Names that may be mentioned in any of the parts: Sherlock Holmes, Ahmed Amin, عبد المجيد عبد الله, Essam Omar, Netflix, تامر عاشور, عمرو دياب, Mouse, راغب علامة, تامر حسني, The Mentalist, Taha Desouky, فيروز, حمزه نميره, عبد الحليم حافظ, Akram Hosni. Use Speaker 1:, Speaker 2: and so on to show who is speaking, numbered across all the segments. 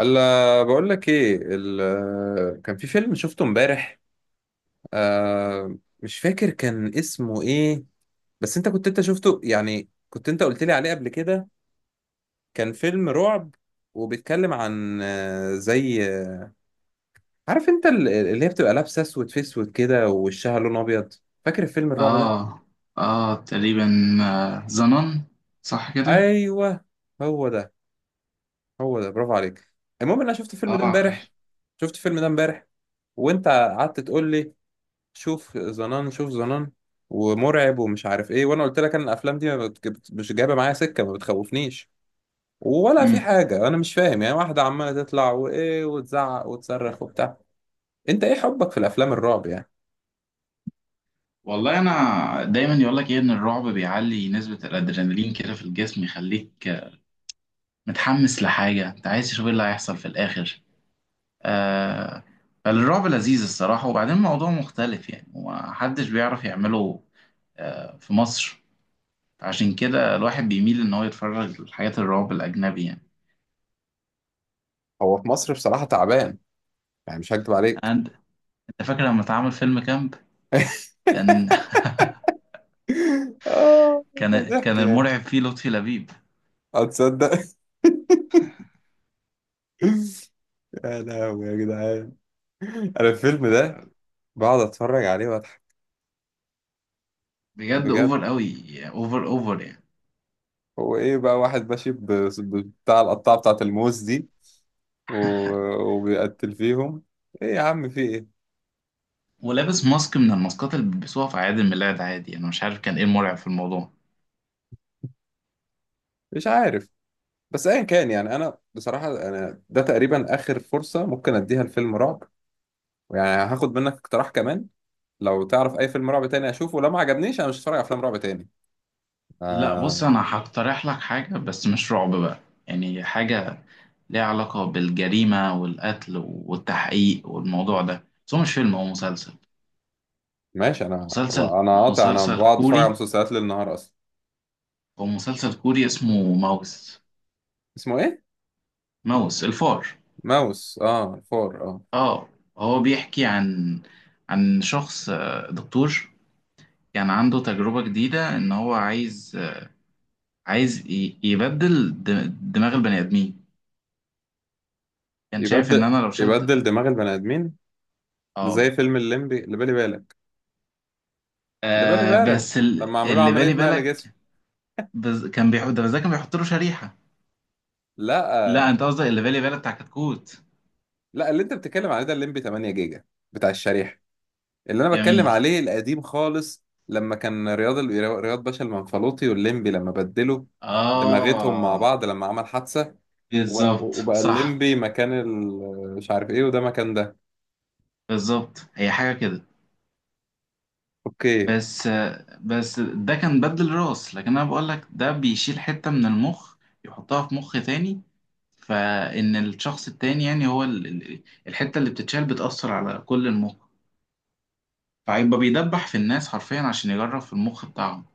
Speaker 1: الا بقول لك ايه كان في فيلم شفته امبارح. مش فاكر كان اسمه ايه. بس انت انت شفته، يعني كنت انت قلت لي عليه قبل كده. كان فيلم رعب وبيتكلم عن آه، زي آه، عارف انت اللي هي بتبقى لابسه اسود في اسود كده ووشها لون ابيض. فاكر الفيلم الرعب ده؟
Speaker 2: اه، اه تقريبا. آه، زنان. صح كده.
Speaker 1: ايوه، هو ده. برافو عليك. المهم ان انا شفت الفيلم ده
Speaker 2: اه، عارف.
Speaker 1: امبارح. شفت الفيلم ده امبارح، وانت قعدت تقول لي شوف زنان، شوف زنان، ومرعب ومش عارف ايه. وانا قلت لك انا الافلام دي ما بت- بت- مش جايبه معايا سكه، ما بتخوفنيش ولا في
Speaker 2: امم
Speaker 1: حاجه. انا مش فاهم، يعني واحده عماله تطلع وايه وتزعق وتصرخ وبتاع. انت ايه حبك في الافلام الرعب يعني؟
Speaker 2: والله، انا دايما يقول لك ايه، ان الرعب بيعلي نسبة الادرينالين كده في الجسم، يخليك متحمس لحاجة، انت عايز تشوف ايه اللي هيحصل في الاخر. آه فالرعب لذيذ الصراحة، وبعدين الموضوع مختلف يعني، ومحدش بيعرف يعمله في مصر. عشان كده الواحد بيميل ان هو يتفرج لحاجات الرعب الاجنبي يعني.
Speaker 1: هو في مصر بصراحه تعبان، يعني مش هكدب عليك.
Speaker 2: أنا- انت فاكر لما اتعمل فيلم كامب؟ كان
Speaker 1: اه،
Speaker 2: كان
Speaker 1: ضحك
Speaker 2: كان
Speaker 1: يعني.
Speaker 2: المرعب فيه لطفي لبيب.
Speaker 1: هتصدق؟ يا لهوي يا جدعان، انا الفيلم ده بقعد اتفرج عليه واضحك،
Speaker 2: بجد
Speaker 1: بجد.
Speaker 2: اوفر قوي. اوفر اوفر يعني.
Speaker 1: هو ايه بقى واحد ماشي بتاع القطاعه بتاعت الموز دي و... وبيقتل فيهم. ايه يا عم في ايه؟
Speaker 2: ولابس ماسك من الماسكات اللي بيلبسوها في اعياد الميلاد عادي، انا مش عارف كان ايه المرعب في الموضوع.
Speaker 1: مش عارف. بس ايا كان، يعني انا بصراحة انا ده تقريبا اخر فرصة ممكن اديها لفيلم رعب. يعني هاخد منك اقتراح كمان، لو تعرف اي فيلم رعب تاني اشوفه. لو ما عجبنيش انا مش هتفرج على افلام رعب تاني.
Speaker 2: لا، بص
Speaker 1: آه،
Speaker 2: انا هقترح لك حاجه، بس مش رعب بقى. يعني حاجه ليها علاقه بالجريمه والقتل والتحقيق والموضوع ده، بس هو مش فيلم، هو مسلسل.
Speaker 1: ماشي. انا
Speaker 2: مسلسل
Speaker 1: انا قاطع انا
Speaker 2: مسلسل
Speaker 1: بقعد اتفرج على
Speaker 2: كوري.
Speaker 1: مسلسلات ليل نهار اصلا.
Speaker 2: هو مسلسل كوري اسمه ماوس.
Speaker 1: اسمه ايه؟
Speaker 2: ماوس الفار.
Speaker 1: ماوس، اه الفار، اه.
Speaker 2: اه. هو بيحكي عن شخص، دكتور، كان عنده تجربة جديدة إن هو عايز، يبدل دماغ البني آدمين. كان شايف إن
Speaker 1: يبدل
Speaker 2: أنا لو شلت.
Speaker 1: يبدل دماغ البني ادمين؟
Speaker 2: آه،
Speaker 1: زي فيلم الليمبي اللي بالي بالك، اللي بالي
Speaker 2: آه،
Speaker 1: بالك،
Speaker 2: بس
Speaker 1: لما عملوه
Speaker 2: اللي بالي
Speaker 1: عملية نقل
Speaker 2: بالك.
Speaker 1: جسم.
Speaker 2: كان بيحط ده، بس ده كان بيحط له شريحة. لا،
Speaker 1: لا،
Speaker 2: أنت قصدك اللي بالي بالك بتاع كتكوت.
Speaker 1: اللي انت بتتكلم عليه ده الليمبي 8 جيجا بتاع الشريحه. اللي انا بتكلم
Speaker 2: جميل.
Speaker 1: عليه القديم خالص، لما كان رياض باشا المنفلوطي والليمبي لما بدلوا دماغتهم مع
Speaker 2: آه،
Speaker 1: بعض لما عمل حادثه، و-
Speaker 2: بالظبط
Speaker 1: وبقى
Speaker 2: صح.
Speaker 1: الليمبي مكان مش عارف ايه وده مكان ده.
Speaker 2: بالظبط هي حاجة كده.
Speaker 1: اوكي.
Speaker 2: بس ده كان بدل راس، لكن أنا بقول لك ده بيشيل حتة من المخ، يحطها في مخ تاني. فإن الشخص التاني يعني، هو الحتة اللي بتتشال بتأثر على كل المخ. فهيبقى بيدبح في الناس حرفيا عشان يجرب في المخ بتاعهم.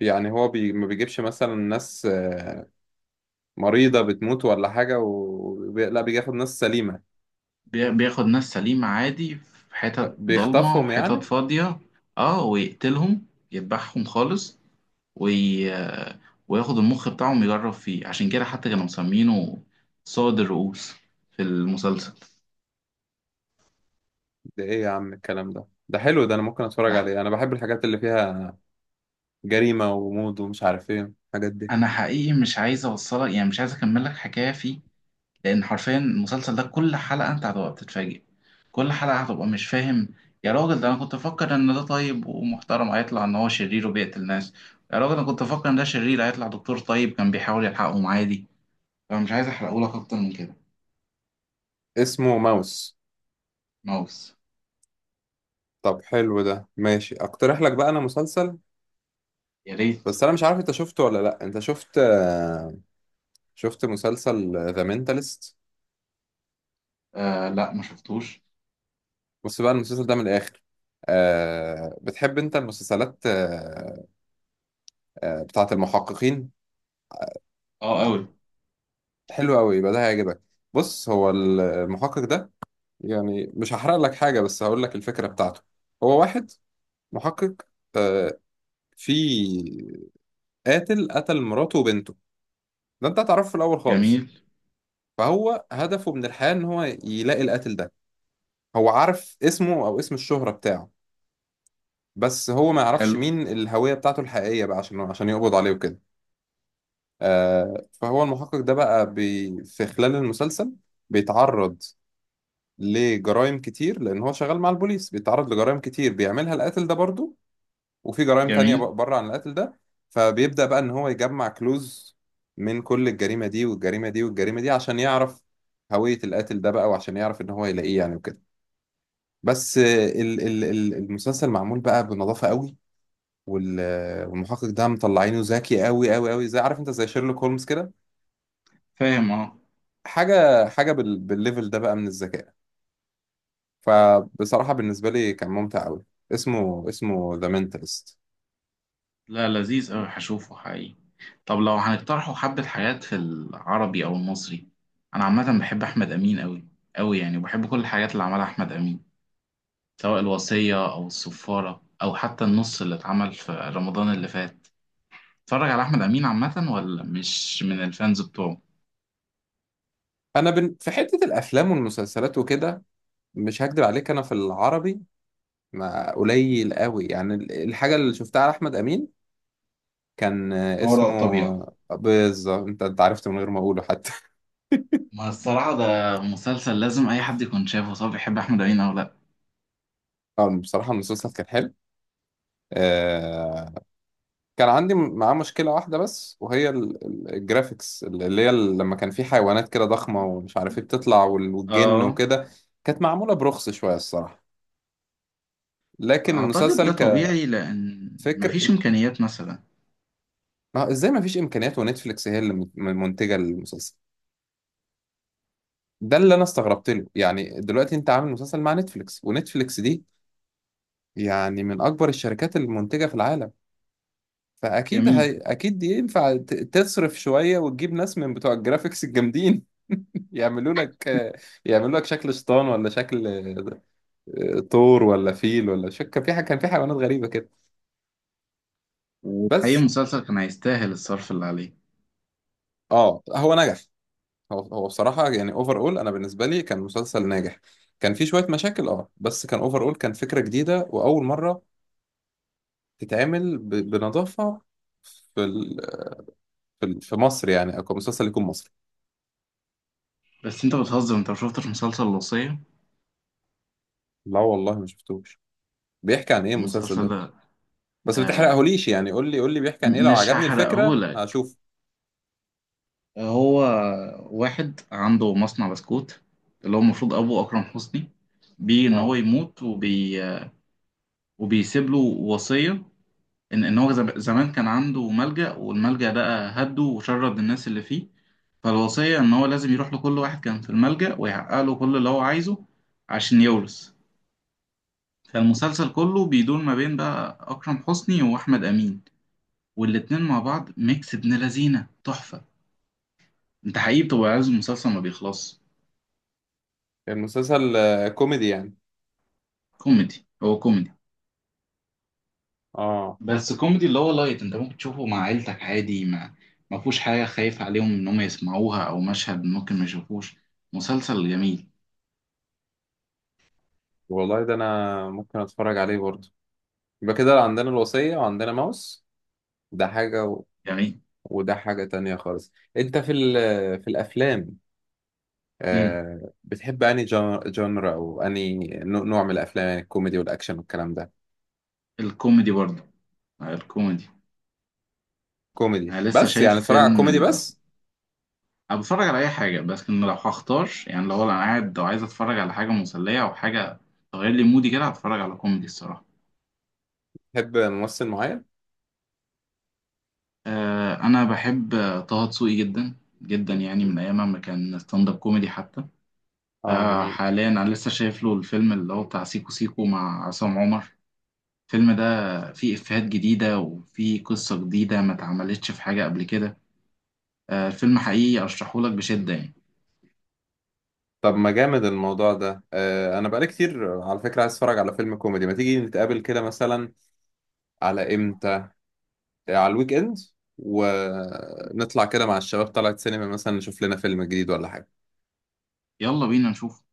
Speaker 1: يعني هو ما بيجيبش مثلا ناس مريضه بتموت ولا حاجه لا بياخد ناس سليمه؟
Speaker 2: بياخد ناس سليمة عادي في حتت ضلمة
Speaker 1: بيخطفهم
Speaker 2: وحتت
Speaker 1: يعني.
Speaker 2: فاضية. اه، ويقتلهم، يذبحهم خالص. وي... وياخد المخ بتاعهم يجرب فيه، عشان كده حتى كانوا مسمينه صاد الرؤوس في المسلسل.
Speaker 1: ده ايه يا عم الكلام ده؟ ده حلو ده، انا ممكن اتفرج
Speaker 2: لا.
Speaker 1: عليه. انا بحب الحاجات اللي فيها جريمة وغموض ومش عارف ايه الحاجات دي.
Speaker 2: أنا حقيقي مش عايز أوصلك، يعني مش عايز أكمل لك حكاية فيه، لان حرفيا المسلسل ده كل حلقه انت هتبقى بتتفاجئ، كل حلقه هتبقى مش فاهم. يا راجل، ده انا كنت افكر ان ده طيب ومحترم هيطلع ان هو شرير وبيقتل ناس. يا راجل، انا كنت افكر ان ده شرير هيطلع دكتور طيب كان بيحاول يلحقهم عادي. فانا مش عايز احرقه لك اكتر من كده.
Speaker 1: اسمه ماوس؟
Speaker 2: ماوس.
Speaker 1: طب حلو ده، ماشي. اقترح لك بقى انا مسلسل،
Speaker 2: يا ريت.
Speaker 1: بس انا مش عارف انت شفته ولا لا. انت شفت شفت مسلسل ذا مينتالست؟
Speaker 2: آه، لا، ما شفتوش.
Speaker 1: بص بقى المسلسل ده من الاخر. أه بتحب انت المسلسلات؟ أه، بتاعة المحققين.
Speaker 2: اه
Speaker 1: لا،
Speaker 2: قوي.
Speaker 1: حلو قوي، يبقى ده هيعجبك. بص، هو المحقق ده، يعني مش هحرق لك حاجة بس هقول لك الفكرة بتاعته. هو واحد محقق، آه، في قاتل قتل مراته وبنته. ده انت هتعرفه في الاول خالص.
Speaker 2: جميل.
Speaker 1: فهو هدفه من الحياه ان هو يلاقي القاتل ده. هو عارف اسمه او اسم الشهره بتاعه، بس هو ما يعرفش
Speaker 2: حلو.
Speaker 1: مين الهويه بتاعته الحقيقيه بقى، عشان يقبض عليه وكده. آه، فهو المحقق ده بقى في خلال المسلسل بيتعرض لجرائم كتير، لان هو شغال مع البوليس، بيتعرض لجرائم كتير بيعملها القاتل ده برضه، وفي جرائم تانية
Speaker 2: جميل.
Speaker 1: بره عن القتل ده. فبيبدأ بقى إن هو يجمع كلوز من كل الجريمة دي والجريمة دي والجريمة دي، عشان يعرف هوية القاتل ده بقى، وعشان يعرف إن هو يلاقيه يعني وكده. بس المسلسل معمول بقى بنظافة قوي. وال- آه، والمحقق ده مطلعينه ذكي قوي قوي قوي، زي عارف انت زي شيرلوك هولمز كده.
Speaker 2: فاهم، اه.
Speaker 1: حاجة بالليفل ده بقى من الذكاء. فبصراحة بالنسبة لي كان ممتع قوي. اسمه ذا منتالست.
Speaker 2: لا، لذيذ أوي، هشوفه حقيقي. طب لو هنقترحوا حبة حاجات في العربي أو المصري، أنا عامة بحب أحمد أمين أوي أوي يعني، وبحب كل الحاجات اللي عملها أحمد أمين، سواء الوصية أو الصفارة أو حتى النص اللي اتعمل في رمضان اللي فات. اتفرج على أحمد أمين عامة ولا مش من الفانز بتوعه؟
Speaker 1: في حتة الافلام والمسلسلات وكده، مش هكدب عليك انا في العربي ما قليل قوي يعني الحاجه اللي شفتها على احمد امين. كان
Speaker 2: ما وراء الطبيعة.
Speaker 1: اسمه بالظبط انت، عرفت من غير ما اقوله حتى.
Speaker 2: ما الصراحة ده مسلسل لازم أي حد يكون شافه، سواء بيحب أحمد أمين أو لأ.
Speaker 1: اه بصراحه المسلسل كان حلو. آه، كان عندي معاه مشكله واحده بس، وهي الجرافيكس اللي هي ال- لما كان في حيوانات كده ضخمه ومش عارف ايه بتطلع والجن
Speaker 2: آه.
Speaker 1: وكده. كانت معموله برخص شويه الصراحه، لكن
Speaker 2: أعتقد ده
Speaker 1: المسلسل
Speaker 2: طبيعي، لأن
Speaker 1: كفكر.
Speaker 2: مفيش إمكانيات مثلا.
Speaker 1: ما هو ازاي ما فيش امكانيات ونتفليكس هي اللي منتجه المسلسل؟ ده اللي انا استغربت له يعني. دلوقتي انت عامل مسلسل مع نتفليكس، ونتفليكس دي يعني من اكبر الشركات المنتجة في العالم،
Speaker 2: جميل.
Speaker 1: اكيد دي ينفع تصرف شوية وتجيب ناس من بتوع الجرافيكس الجامدين. يعملوا لك يعملوا لك شكل شيطان، ولا شكل طور، ولا فيل، ولا كان في حاجة، كان في حيوانات غريبة كده.
Speaker 2: وحقيقي
Speaker 1: بس
Speaker 2: المسلسل كان هيستاهل الصرف اللي عليه.
Speaker 1: اه هو نجح. هو بصراحة يعني اوفر اول، انا بالنسبة لي كان مسلسل ناجح. كان في شوية مشاكل اه، بس كان اوفر اول، كان فكرة جديدة واول مرة تتعمل بنظافة في ال... في في مصر يعني، أو مسلسل يكون مصري.
Speaker 2: بس انت بتهزر، انت ما شفتش مسلسل الوصية؟
Speaker 1: لا والله ما شفتوش. بيحكي عن إيه المسلسل
Speaker 2: المسلسل
Speaker 1: ده؟
Speaker 2: ده،
Speaker 1: بس ما
Speaker 2: آه،
Speaker 1: تحرقهوليش، يعني قول لي، بيحكي عن إيه، لو
Speaker 2: مش
Speaker 1: عجبني الفكرة
Speaker 2: هحرقهولك.
Speaker 1: هشوف.
Speaker 2: هو واحد عنده مصنع بسكوت، اللي هو المفروض ابوه اكرم حسني، بيه ان هو
Speaker 1: اه،
Speaker 2: يموت وبيسيب له وصية، ان هو زمان كان عنده ملجأ، والملجأ ده هده وشرد الناس اللي فيه. فالوصية ان هو لازم يروح لكل واحد كان في الملجأ، ويحقق له كل اللي هو عايزه عشان يورث. فالمسلسل كله بيدور ما بين بقى أكرم حسني وأحمد أمين، والاتنين مع بعض ميكس ابن لذينة تحفة. أنت حقيقي بتبقى عايز المسلسل ما بيخلص.
Speaker 1: المسلسل كوميدي يعني؟
Speaker 2: كوميدي، هو كوميدي.
Speaker 1: اه
Speaker 2: بس كوميدي اللي هو لايت، أنت ممكن تشوفه مع عيلتك عادي، ما فيهوش حاجة خايف عليهم إن هم يسمعوها، أو مشهد ممكن ما يشوفوش. مسلسل جميل.
Speaker 1: والله، ده أنا ممكن أتفرج عليه برضه. يبقى كده عندنا الوصية وعندنا ماوس، ده حاجة
Speaker 2: جميل.
Speaker 1: وده حاجة تانية خالص. أنت في في الأفلام
Speaker 2: امم
Speaker 1: آه، بتحب أنهي جانرا، أو أنهي نوع من الأفلام، يعني الكوميدي والأكشن والكلام ده؟
Speaker 2: الكوميدي برضه. الكوميدي.
Speaker 1: كوميدي
Speaker 2: أنا لسه
Speaker 1: بس، يعني
Speaker 2: شايف
Speaker 1: اتفرج على
Speaker 2: فيلم.
Speaker 1: كوميدي بس؟
Speaker 2: انا بتفرج على اي حاجه، بس إن لو هختار يعني، لو انا قاعد، لو عايز اتفرج على حاجه مسليه او حاجه تغير لي مودي كده، هتفرج على كوميدي الصراحه.
Speaker 1: تحب ممثل معين؟
Speaker 2: انا بحب طه دسوقي جدا جدا يعني، من ايام ما كان ستاند اب كوميدي حتى.
Speaker 1: اه جميل.
Speaker 2: حاليا انا لسه شايف له الفيلم اللي هو بتاع سيكو سيكو مع عصام عمر. الفيلم ده فيه افيهات جديده، وفيه قصه جديده ما اتعملتش في حاجه قبل كده. الفيلم حقيقي ارشحهولك بشده يعني.
Speaker 1: طب ما جامد الموضوع ده. آه انا بقالي كتير على فكرة عايز اتفرج على فيلم كوميدي. ما تيجي نتقابل كده مثلا؟ على امتى؟ على الويك اند، ونطلع كده مع الشباب، طلعت سينما مثلا نشوف لنا فيلم جديد ولا حاجة.
Speaker 2: يلا بينا نشوف.